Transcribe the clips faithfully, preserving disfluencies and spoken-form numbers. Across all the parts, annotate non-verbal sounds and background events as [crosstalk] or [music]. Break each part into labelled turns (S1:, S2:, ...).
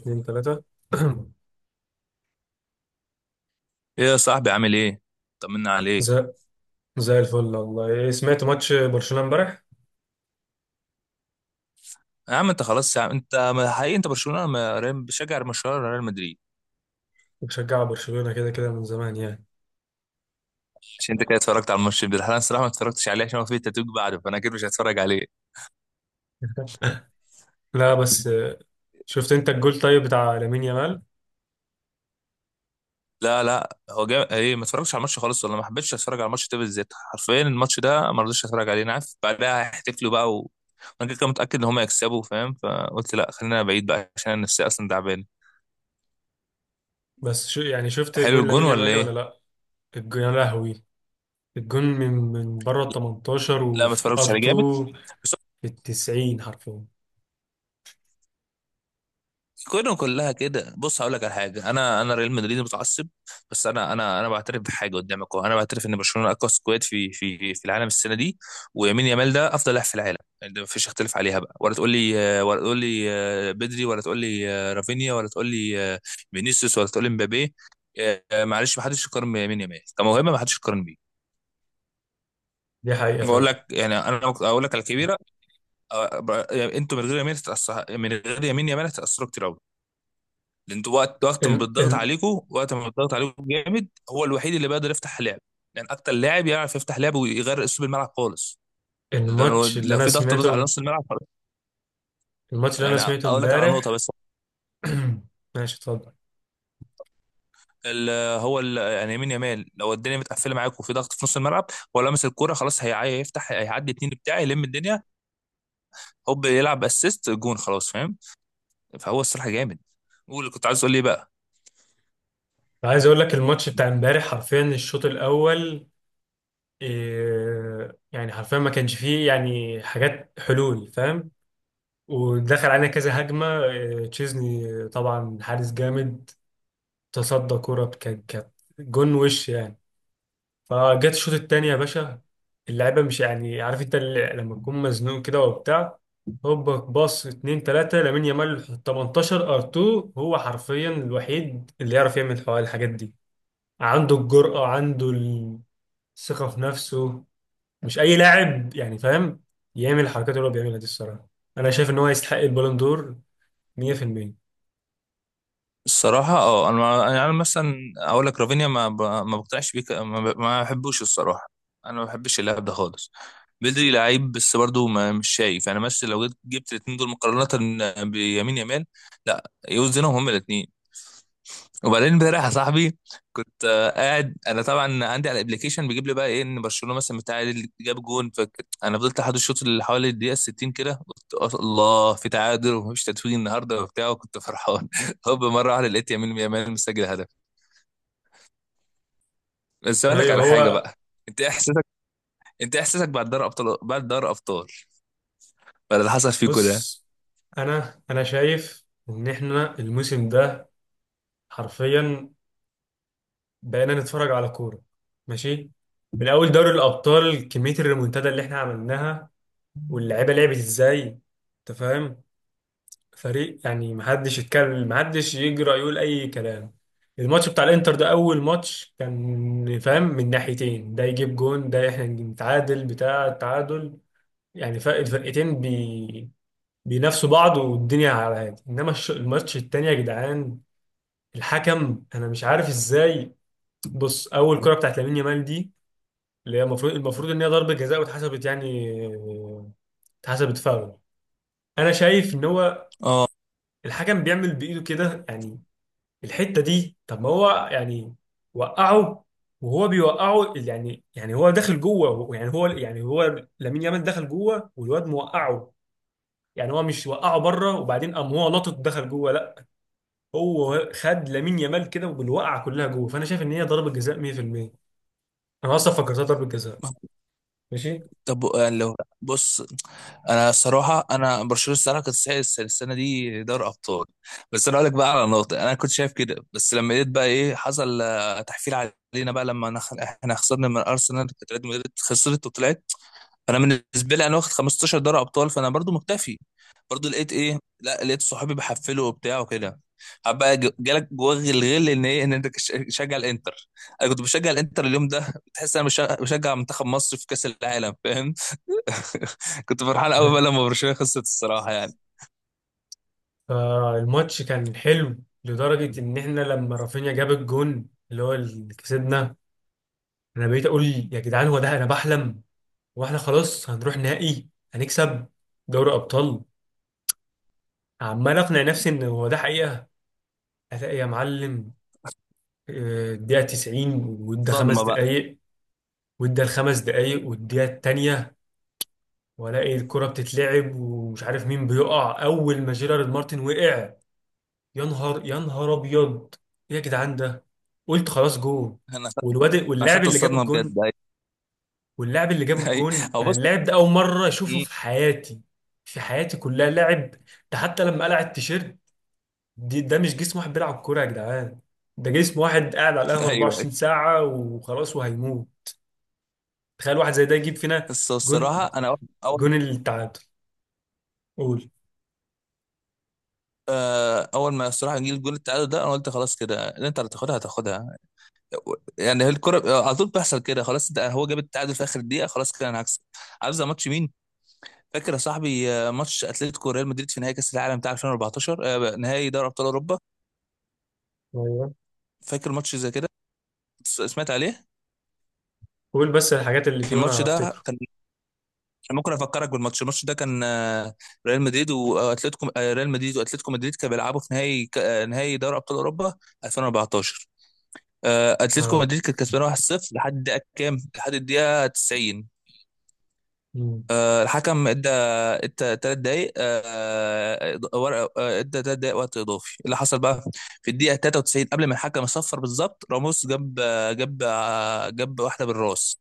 S1: اتنين تلاتة [clears throat]
S2: ايه يا صاحبي عامل ايه؟ طمنا عليك.
S1: زي زي الفل والله إيه، سمعت ماتش برشلونة امبارح
S2: يا عم انت خلاص يا عم انت ما- حقيقي انت برشلونه ما- ريال- بشجع برشلونه ولا ريال مدريد؟
S1: وبشجع برشلونة كده كده من زمان يعني.
S2: عشان انت كده اتفرجت على الماتش ده، انا الصراحه ما اتفرجتش عليه عشان هو فيه تتويج بعده، فانا اكيد مش هتفرج عليه.
S1: لا بس آه، شفت انت الجول طيب بتاع لامين يامال؟
S2: لا لا هو جا... ايه، ما اتفرجتش على الماتش خالص ولا ما حبيتش اتفرج على الماتش ده بالذات، حرفيا الماتش ده ما رضيتش اتفرج عليه، انا عارف بعدها هيحتفلوا بقى و... وانا كده كده متاكد ان هم يكسبوا، فاهم؟ فقلت لا خلينا بعيد بقى عشان انا نفسي اصلا تعبان.
S1: بس شو يعني، شفت
S2: حلو
S1: جون
S2: الجون
S1: لامين
S2: ولا
S1: يامال ولا
S2: ايه؟
S1: لا؟ الجون يا لهوي! الجون من من بره ال تمنتاشر
S2: لا ما
S1: وفي ار
S2: اتفرجتش عليه جامد.
S1: اتنين في ال تسعين حرفيا.
S2: كلهم كلها كده، بص هقول لك على حاجه، انا انا ريال مدريد متعصب، بس انا انا انا بعترف بحاجه قدامك أهو. انا بعترف ان برشلونه اقوى سكواد في في في العالم السنه دي، ويمين يامال ده افضل لاعب في العالم، يعني ده مفيش اختلاف عليها بقى. ولا تقول لي، ولا تقول لي آه، بدري، ولا تقول لي آه، رافينيا، ولا تقول لي آه، فينيسيوس، ولا تقول لي مبابي. آه، آه، معلش ما حدش يقارن بيمين يامال كموهبه، ما حدش يقارن بيه.
S1: دي حقيقة
S2: بقول
S1: فعلا.
S2: لك يعني، انا اقول لك على الكبيره، آه، ب- يعني انتوا من غير يمين هتتاثر من غير يمين يامال هتتاثروا كتير قوي، لان انتوا وقت وقت ما
S1: ال
S2: بتضغط
S1: ال
S2: عليكم وقت ما بتضغط عليكم جامد هو الوحيد اللي بيقدر يفتح لعب، لان اكتر لاعب يعرف يفتح لعب ويغير اسلوب الملعب خالص. لو
S1: الماتش اللي
S2: لو
S1: انا
S2: في ضغط نص على
S1: سمعته
S2: نص الملعب خلاص.
S1: الماتش اللي انا
S2: يعني
S1: سمعته
S2: اقول لك على نقطه
S1: امبارح.
S2: بس.
S1: [clears throat] ماشي اتفضل.
S2: ال- هو ال- يعني يمين يمال لو الدنيا متقفله معاك وفي ضغط في نص الملعب، هو لمس الكوره خلاص هيع- هيفتح، هيعدي اتنين بتاعي يلم الدنيا، هوب يلعب اسيست جون خلاص، فاهم؟ فهو الصراحه جامد. قول اللي كنت عايز تقول لي إيه بقى.
S1: عايز اقول لك الماتش بتاع امبارح حرفيا الشوط الاول إيه يعني، حرفيا ما كانش فيه يعني حاجات حلول فاهم. ودخل علينا كذا هجمه، إيه تشيزني طبعا حارس جامد، تصدى كرة كانت كانت جون وش يعني. فجت الشوط التاني يا باشا، اللعيبه مش يعني عارف انت ال- لما تكون مزنوق كده وبتاع، هوبا باص اتنين تلاتة لامين يامال تمنتاشر ار اثنين، هو حرفيا الوحيد اللي يعرف يعمل الحاجات دي. عنده الجرأة، عنده الثقة في نفسه، مش أي لاعب يعني فاهم يعمل الحركات اللي هو بيعملها دي الصراحة. أنا شايف إن هو يستحق البالون دور مية بالمية.
S2: الصراحة اه انا ما- يعني أنا مثلا اقول لك رافينيا ما ب- ما بقتنعش بيه، ك- ما ب- ما بحبوش الصراحة، انا ما بحبش اللاعب ده خالص. بدري لعيب، بس برضه ما مش شايف يعني، مثلا لو جبت جبت الاثنين دول مقارنة بيمين يامال، لا يوزنهم هما الاثنين. وبعدين امبارح يا صاحبي، كنت آه، قاعد انا طبعا عندي على الابلكيشن بيجيب لي بقى ايه ان برشلونه مثلا بتعادل، جاب جون، فانا فضلت لحد الشوط اللي حوالي الدقيقه ستين كده، قلت أص- الله في تعادل ومفيش تتويج النهارده وبتاع، وكنت فرحان [laughs] هوب مره واحده لقيت يمين يامال مسجل هدف. بس اقول لك
S1: أيوه
S2: على حاجه
S1: هو،
S2: بقى، انت إيه احساسك، انت إيه احساسك بعد دوري ابطال، بعد دوري ابطال بعد اللي حصل فيكو ده؟
S1: بص. أنا أنا شايف إن إحنا الموسم ده حرفيا بقينا نتفرج على كورة، ماشي. من أول دوري الأبطال كمية الريمونتادا اللي إحنا عملناها واللعيبة لعبت إزاي، أنت فاهم، فريق يعني محدش يتكلم، محدش يجرأ يقول اي كلام. الماتش بتاع الانتر ده اول ماتش كان فاهم من ناحيتين، ده يجيب جون، ده احنا نتعادل بتاع التعادل، يعني فرق الفرقتين بي... بينافسوا بعض والدنيا على هادي. انما الش- الماتش التاني يا جدعان الحكم انا مش عارف ازاي. بص، اول كرة بتاعت لامين يامال دي، اللي هي المفروض المفروض ان هي ضربة جزاء واتحسبت يعني آه، اتحسبت فاول. انا شايف ان هو
S2: اه.
S1: الحكم بيعمل بايده كده يعني الحتة دي. طب ما هو يعني وقعه، وهو بيوقعه اللي يعني يعني هو داخل جوه، يعني هو يعني هو لامين يامال دخل جوه والواد موقعه، يعني هو مش وقعه بره وبعدين قام هو لطط دخل جوه، لا، هو خد لامين يامال كده بالوقعه كلها جوه. فانا شايف ان هي ضربة جزاء مائة بالمئة، انا اصلا فكرتها ضربة جزاء، ماشي.
S2: طب يعني لو، بص، انا الصراحه انا برشلونه الصراحه كانت تستحق الس- السنه دي دوري ابطال. بس انا اقول لك بقى على نقطه، انا كنت شايف كده، بس لما لقيت بقى ايه حصل آه، تحفيل علينا بقى، لما نخ... احنا خسرنا من ارسنال كانت ريال مدريد خسرت وطلعت، فانا بالنسبه لي انا واخد خمسة عشر دوري ابطال فانا برضو مكتفي. برضو لقيت ايه، لا لقيت صحابي بحفلوا وبتاع وكده، بقى ج- جالك جواك الغل ان ايه، ان انت كش- تشجع الانتر. انا كنت بشجع الانتر اليوم ده، بتحس انا بش- بشجع منتخب مصر في كاس العالم، فاهم؟ [laughs] كنت فرحان قوي بقى لما
S1: [laughs]
S2: برشلونه خسرت الصراحه يعني.
S1: فالماتش كان حلو لدرجة إن إحنا لما رافينيا جاب الجون اللي هو اللي كسبنا، أنا بقيت أقول يا جدعان هو ده، أنا بحلم، واحنا خلاص هنروح نهائي، هنكسب دوري ابطال. عمال اقنع نفسي ان هو ده حقيقه، الاقي يا معلم آه، الدقيقه تسعين وادى خمس
S2: صدمه بقى.
S1: دقائق، وادى الخمس دقائق والدقيقه الثانيه، والاقي الكره بتتلعب ومش عارف مين بيقع، اول ما جيرارد مارتن وقع، يا نهار يا نهار ابيض، ايه يا جدعان ده! قلت خلاص جول.
S2: انا خدت
S1: والواد،
S2: انا
S1: واللاعب
S2: خدت
S1: اللي جاب
S2: الصدمه
S1: الجون،
S2: بجد، ايوه.
S1: واللاعب اللي جاب
S2: أيوة.
S1: الجون
S2: هو
S1: انا
S2: بص.
S1: اللاعب ده اول مره اشوفه
S2: مم.
S1: في حياتي، في حياتي كلها لاعب، ده حتى لما قلع التيشيرت دي ده مش جسم واحد بيلعب كوره يا جدعان، ده جسم واحد قاعد على القهوه
S2: ايوه، ايوه.
S1: اربعه وعشرين ساعه وخلاص وهيموت. تخيل واحد زي ده يجيب فينا
S2: بس هو
S1: جون،
S2: الصراحه، انا اول اول
S1: جون التعادل. قول.
S2: آه، اول ما الصراحه جه الجول التعادل ده، انا قلت خلاص كده اللي انت هتاخدها هتاخدها، يعني هي الكره آه، على طول بيحصل كده خلاص، ده هو جاب التعادل في اخر دقيقه، خلاص كده انا هكسب. عارف زي ماتش مين؟ فاكر يا صاحبي آه، ماتش اتلتيكو ريال مدريد في نهائي كاس العالم بتاع الفين واربعتاشر، آه، نهائي دوري ابطال اوروبا؟
S1: ايوه
S2: فاكر ماتش زي كده؟ س- سمعت عليه.
S1: قول بس الحاجات اللي فيه وانا
S2: الماتش ده
S1: هفتكره.
S2: كان، ممكن افكرك بالماتش، الماتش ده كان آه، ريال مدريد واتلتيكو، آه، ريال مدريد واتلتيكو مدريد كانوا بيلعبوا في نهائي ك- آه، نهائي دوري ابطال اوروبا الفين واربعة عشر. آه، اتلتيكو
S1: اه.
S2: مدريد كانت كسبانه واحد صفر لحد الدقيقه كام، لحد الدقيقه تسعين.
S1: مم.
S2: آه، الحكم ادى ثلاث دقائق آه، ورقه، آه، ادى ثلاث دقائق وقت اضافي، اللي حصل بقى في الدقيقه تلاته وتسعين قبل ما الحكم يصفر بالظبط، راموس جاب آه، جاب آه، جاب واحده بالراس.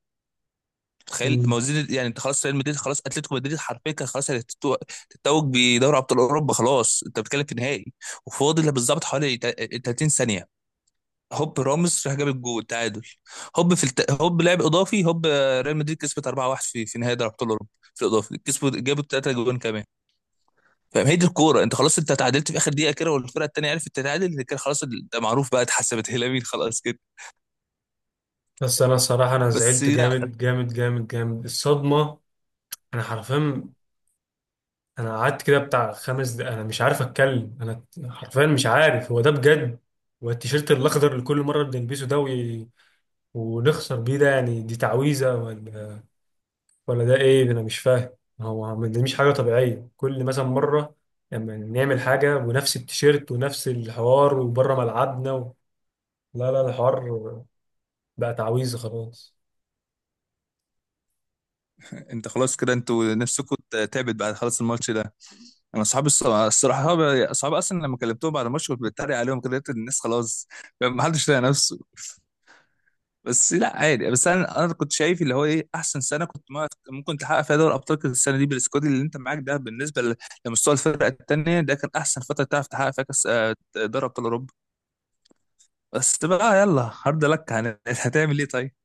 S2: تخيل، ما
S1: مم.
S2: هو زيد يعني، انت خلاص ريال مدريد، خلاص اتلتيكو مدريد حرفيا كان خلاص هتتو- تتوج بدوري ابطال اوروبا، خلاص انت بتتكلم في نهائي. وفاضل بالظبط حوالي تا- تلاتين ثانيه، هوب راموس راح جاب الجول التعادل، هوب في الت... هوب لعب اضافي، هوب آه، ريال مدريد كسبت اربعة واحد في في نهائي دوري ابطال اوروبا، في الاضافي كسبوا جابوا ثلاثه جوان كمان. فاهم؟ هي دي الكوره، انت خلاص انت تعادلت في اخر دقيقه كده، والفرقه الثانيه عرفت تتعادل كده خلاص، ده معروف بقى، اتحسبت [laughs] هي لمين خلاص كده.
S1: بس انا الصراحه انا
S2: بس
S1: زعلت
S2: لا
S1: جامد جامد جامد جامد الصدمه، انا حرفيا، انا قعدت كده بتاع خمس دقايق انا مش عارف اتكلم، انا حرفيا مش عارف هو ده بجد. والتيشيرت الاخضر اللي كل مره بنلبسه ده وي... ونخسر بيه ده، يعني دي تعويذه ولا، ولا ده ايه ده انا مش فاهم. هو ما- دي مش حاجه طبيعيه، كل مثلا مره لما نعمل حاجه ونفس التيشيرت ونفس الحوار وبره ملعبنا و... لا لا، الحوار بقى تعويذه خلاص.
S2: انت خلاص كده انتوا نفسكم. تعبت بعد خلاص الماتش ده. انا اصحابي الص- الصراحه اصحابي أصحابي اصلا لما كلمتهم بعد الماتش كنت بتريق عليهم كده، لقيت الناس خلاص ما حدش لاقي نفسه. بس لا عادي، بس انا انا كنت شايف اللي هو ايه، احسن سنه كنت ما- ممكن تحقق فيها دوري ابطال كانت السنه دي، بالسكواد اللي انت معاك ده، بالنسبه ل- لمستوى الفرقه الثانيه ده، كان احسن فتره تعرف تحقق فيها كاس آه، دوري ابطال اوروبا. بس بقى يلا هارد لك، هن- هتعمل ايه طيب؟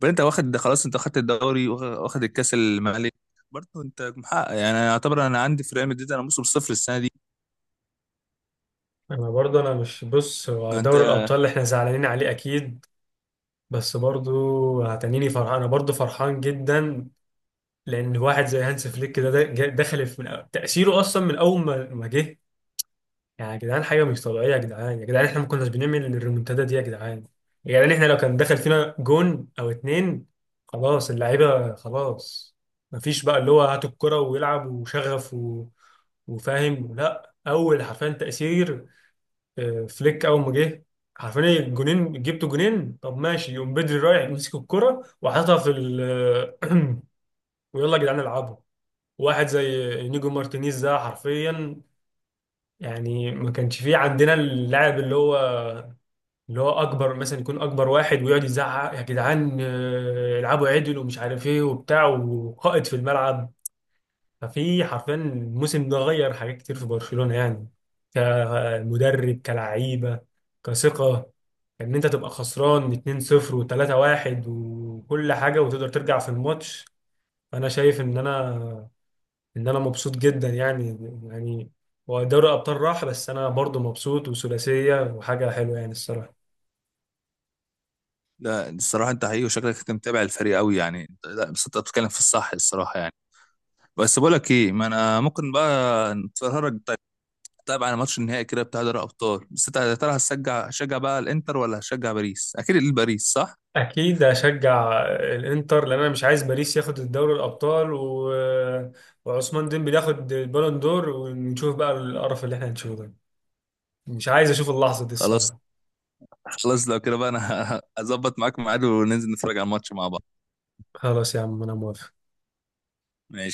S2: بل انت واخد ده خلاص، انت واخدت الدوري واخ- واخد الكاس الملك، برضه انت محقق يعني، انا اعتبر انا عندي في ريال مدريد انا موسم صفر السنه دي.
S1: انا برضه، انا مش، بص، هو
S2: انت
S1: دوري الابطال اللي احنا زعلانين عليه اكيد، بس برضو هتنيني فرحان، انا برضو فرحان جدا، لان واحد زي هانس فليك كده ده- جا- دخل في من أول- تاثيره اصلا من اول ما ما جه. يعني يا جدعان حاجه مش طبيعيه، يا جدعان يا جدعان احنا ما كناش بنعمل الريمونتادا دي. يا جدعان يا جدعان احنا لو كان دخل فينا جون او اتنين خلاص اللعيبه خلاص، ما فيش بقى اللي هو هات الكره ويلعب وشغف و... وفاهم، لا، اول حرفيا تاثير آه، فليك اول ما جه حرفيا الجونين جبتوا جونين. طب ماشي، يقوم بدري رايح يمسك الكره وحاططها في ال [clears throat] ويلا يا جدعان العبوا. واحد زي انيجو مارتينيز ده حرفيا، يعني ما كانش فيه عندنا اللاعب اللي هو اللي هو اكبر، مثلا يكون اكبر واحد ويقعد يزعق يا جدعان آه، العبوا عدل ومش عارف ايه وبتاع، وقائد في الملعب. ففي حرفيا الموسم ده غير حاجات كتير في برشلونة يعني، كمدرب، كلعيبة، كثقة، ان انت تبقى خسران اتنين صفر و3-واحد وكل حاجة وتقدر ترجع في الماتش. انا شايف ان انا ان انا مبسوط جدا يعني، يعني ودوري الابطال راح بس انا برضو مبسوط، وثلاثيه وحاجه حلوه يعني الصراحه.
S2: لا الصراحة انت حقيقي وشكلك انت متابع الفريق قوي يعني انت- لا بس انت بتتكلم في الصح الصراحة يعني. بس بقول لك ايه، ما انا ممكن بقى نتفرج طيب، طيب على ماتش النهائي كده بتاع دوري الابطال، بس انت يا ترى هتشجع هتشجع بقى الانتر ولا هتشجع باريس؟ اكيد الباريس صح.
S1: اكيد اشجع الانتر لان انا مش عايز باريس ياخد الدوري الابطال و... وعثمان ديمبلي ياخد البالون دور ونشوف بقى القرف اللي احنا هنشوفه ده. مش عايز اشوف اللحظه دي
S2: خلاص.
S1: الصراحه.
S2: خلاص لو كده بقى انا [laughs] هظبط معاك ميعاد وننزل نتفرج على الماتش مع بعض.
S1: خلاص يا عم انا موافق.
S2: ماشي.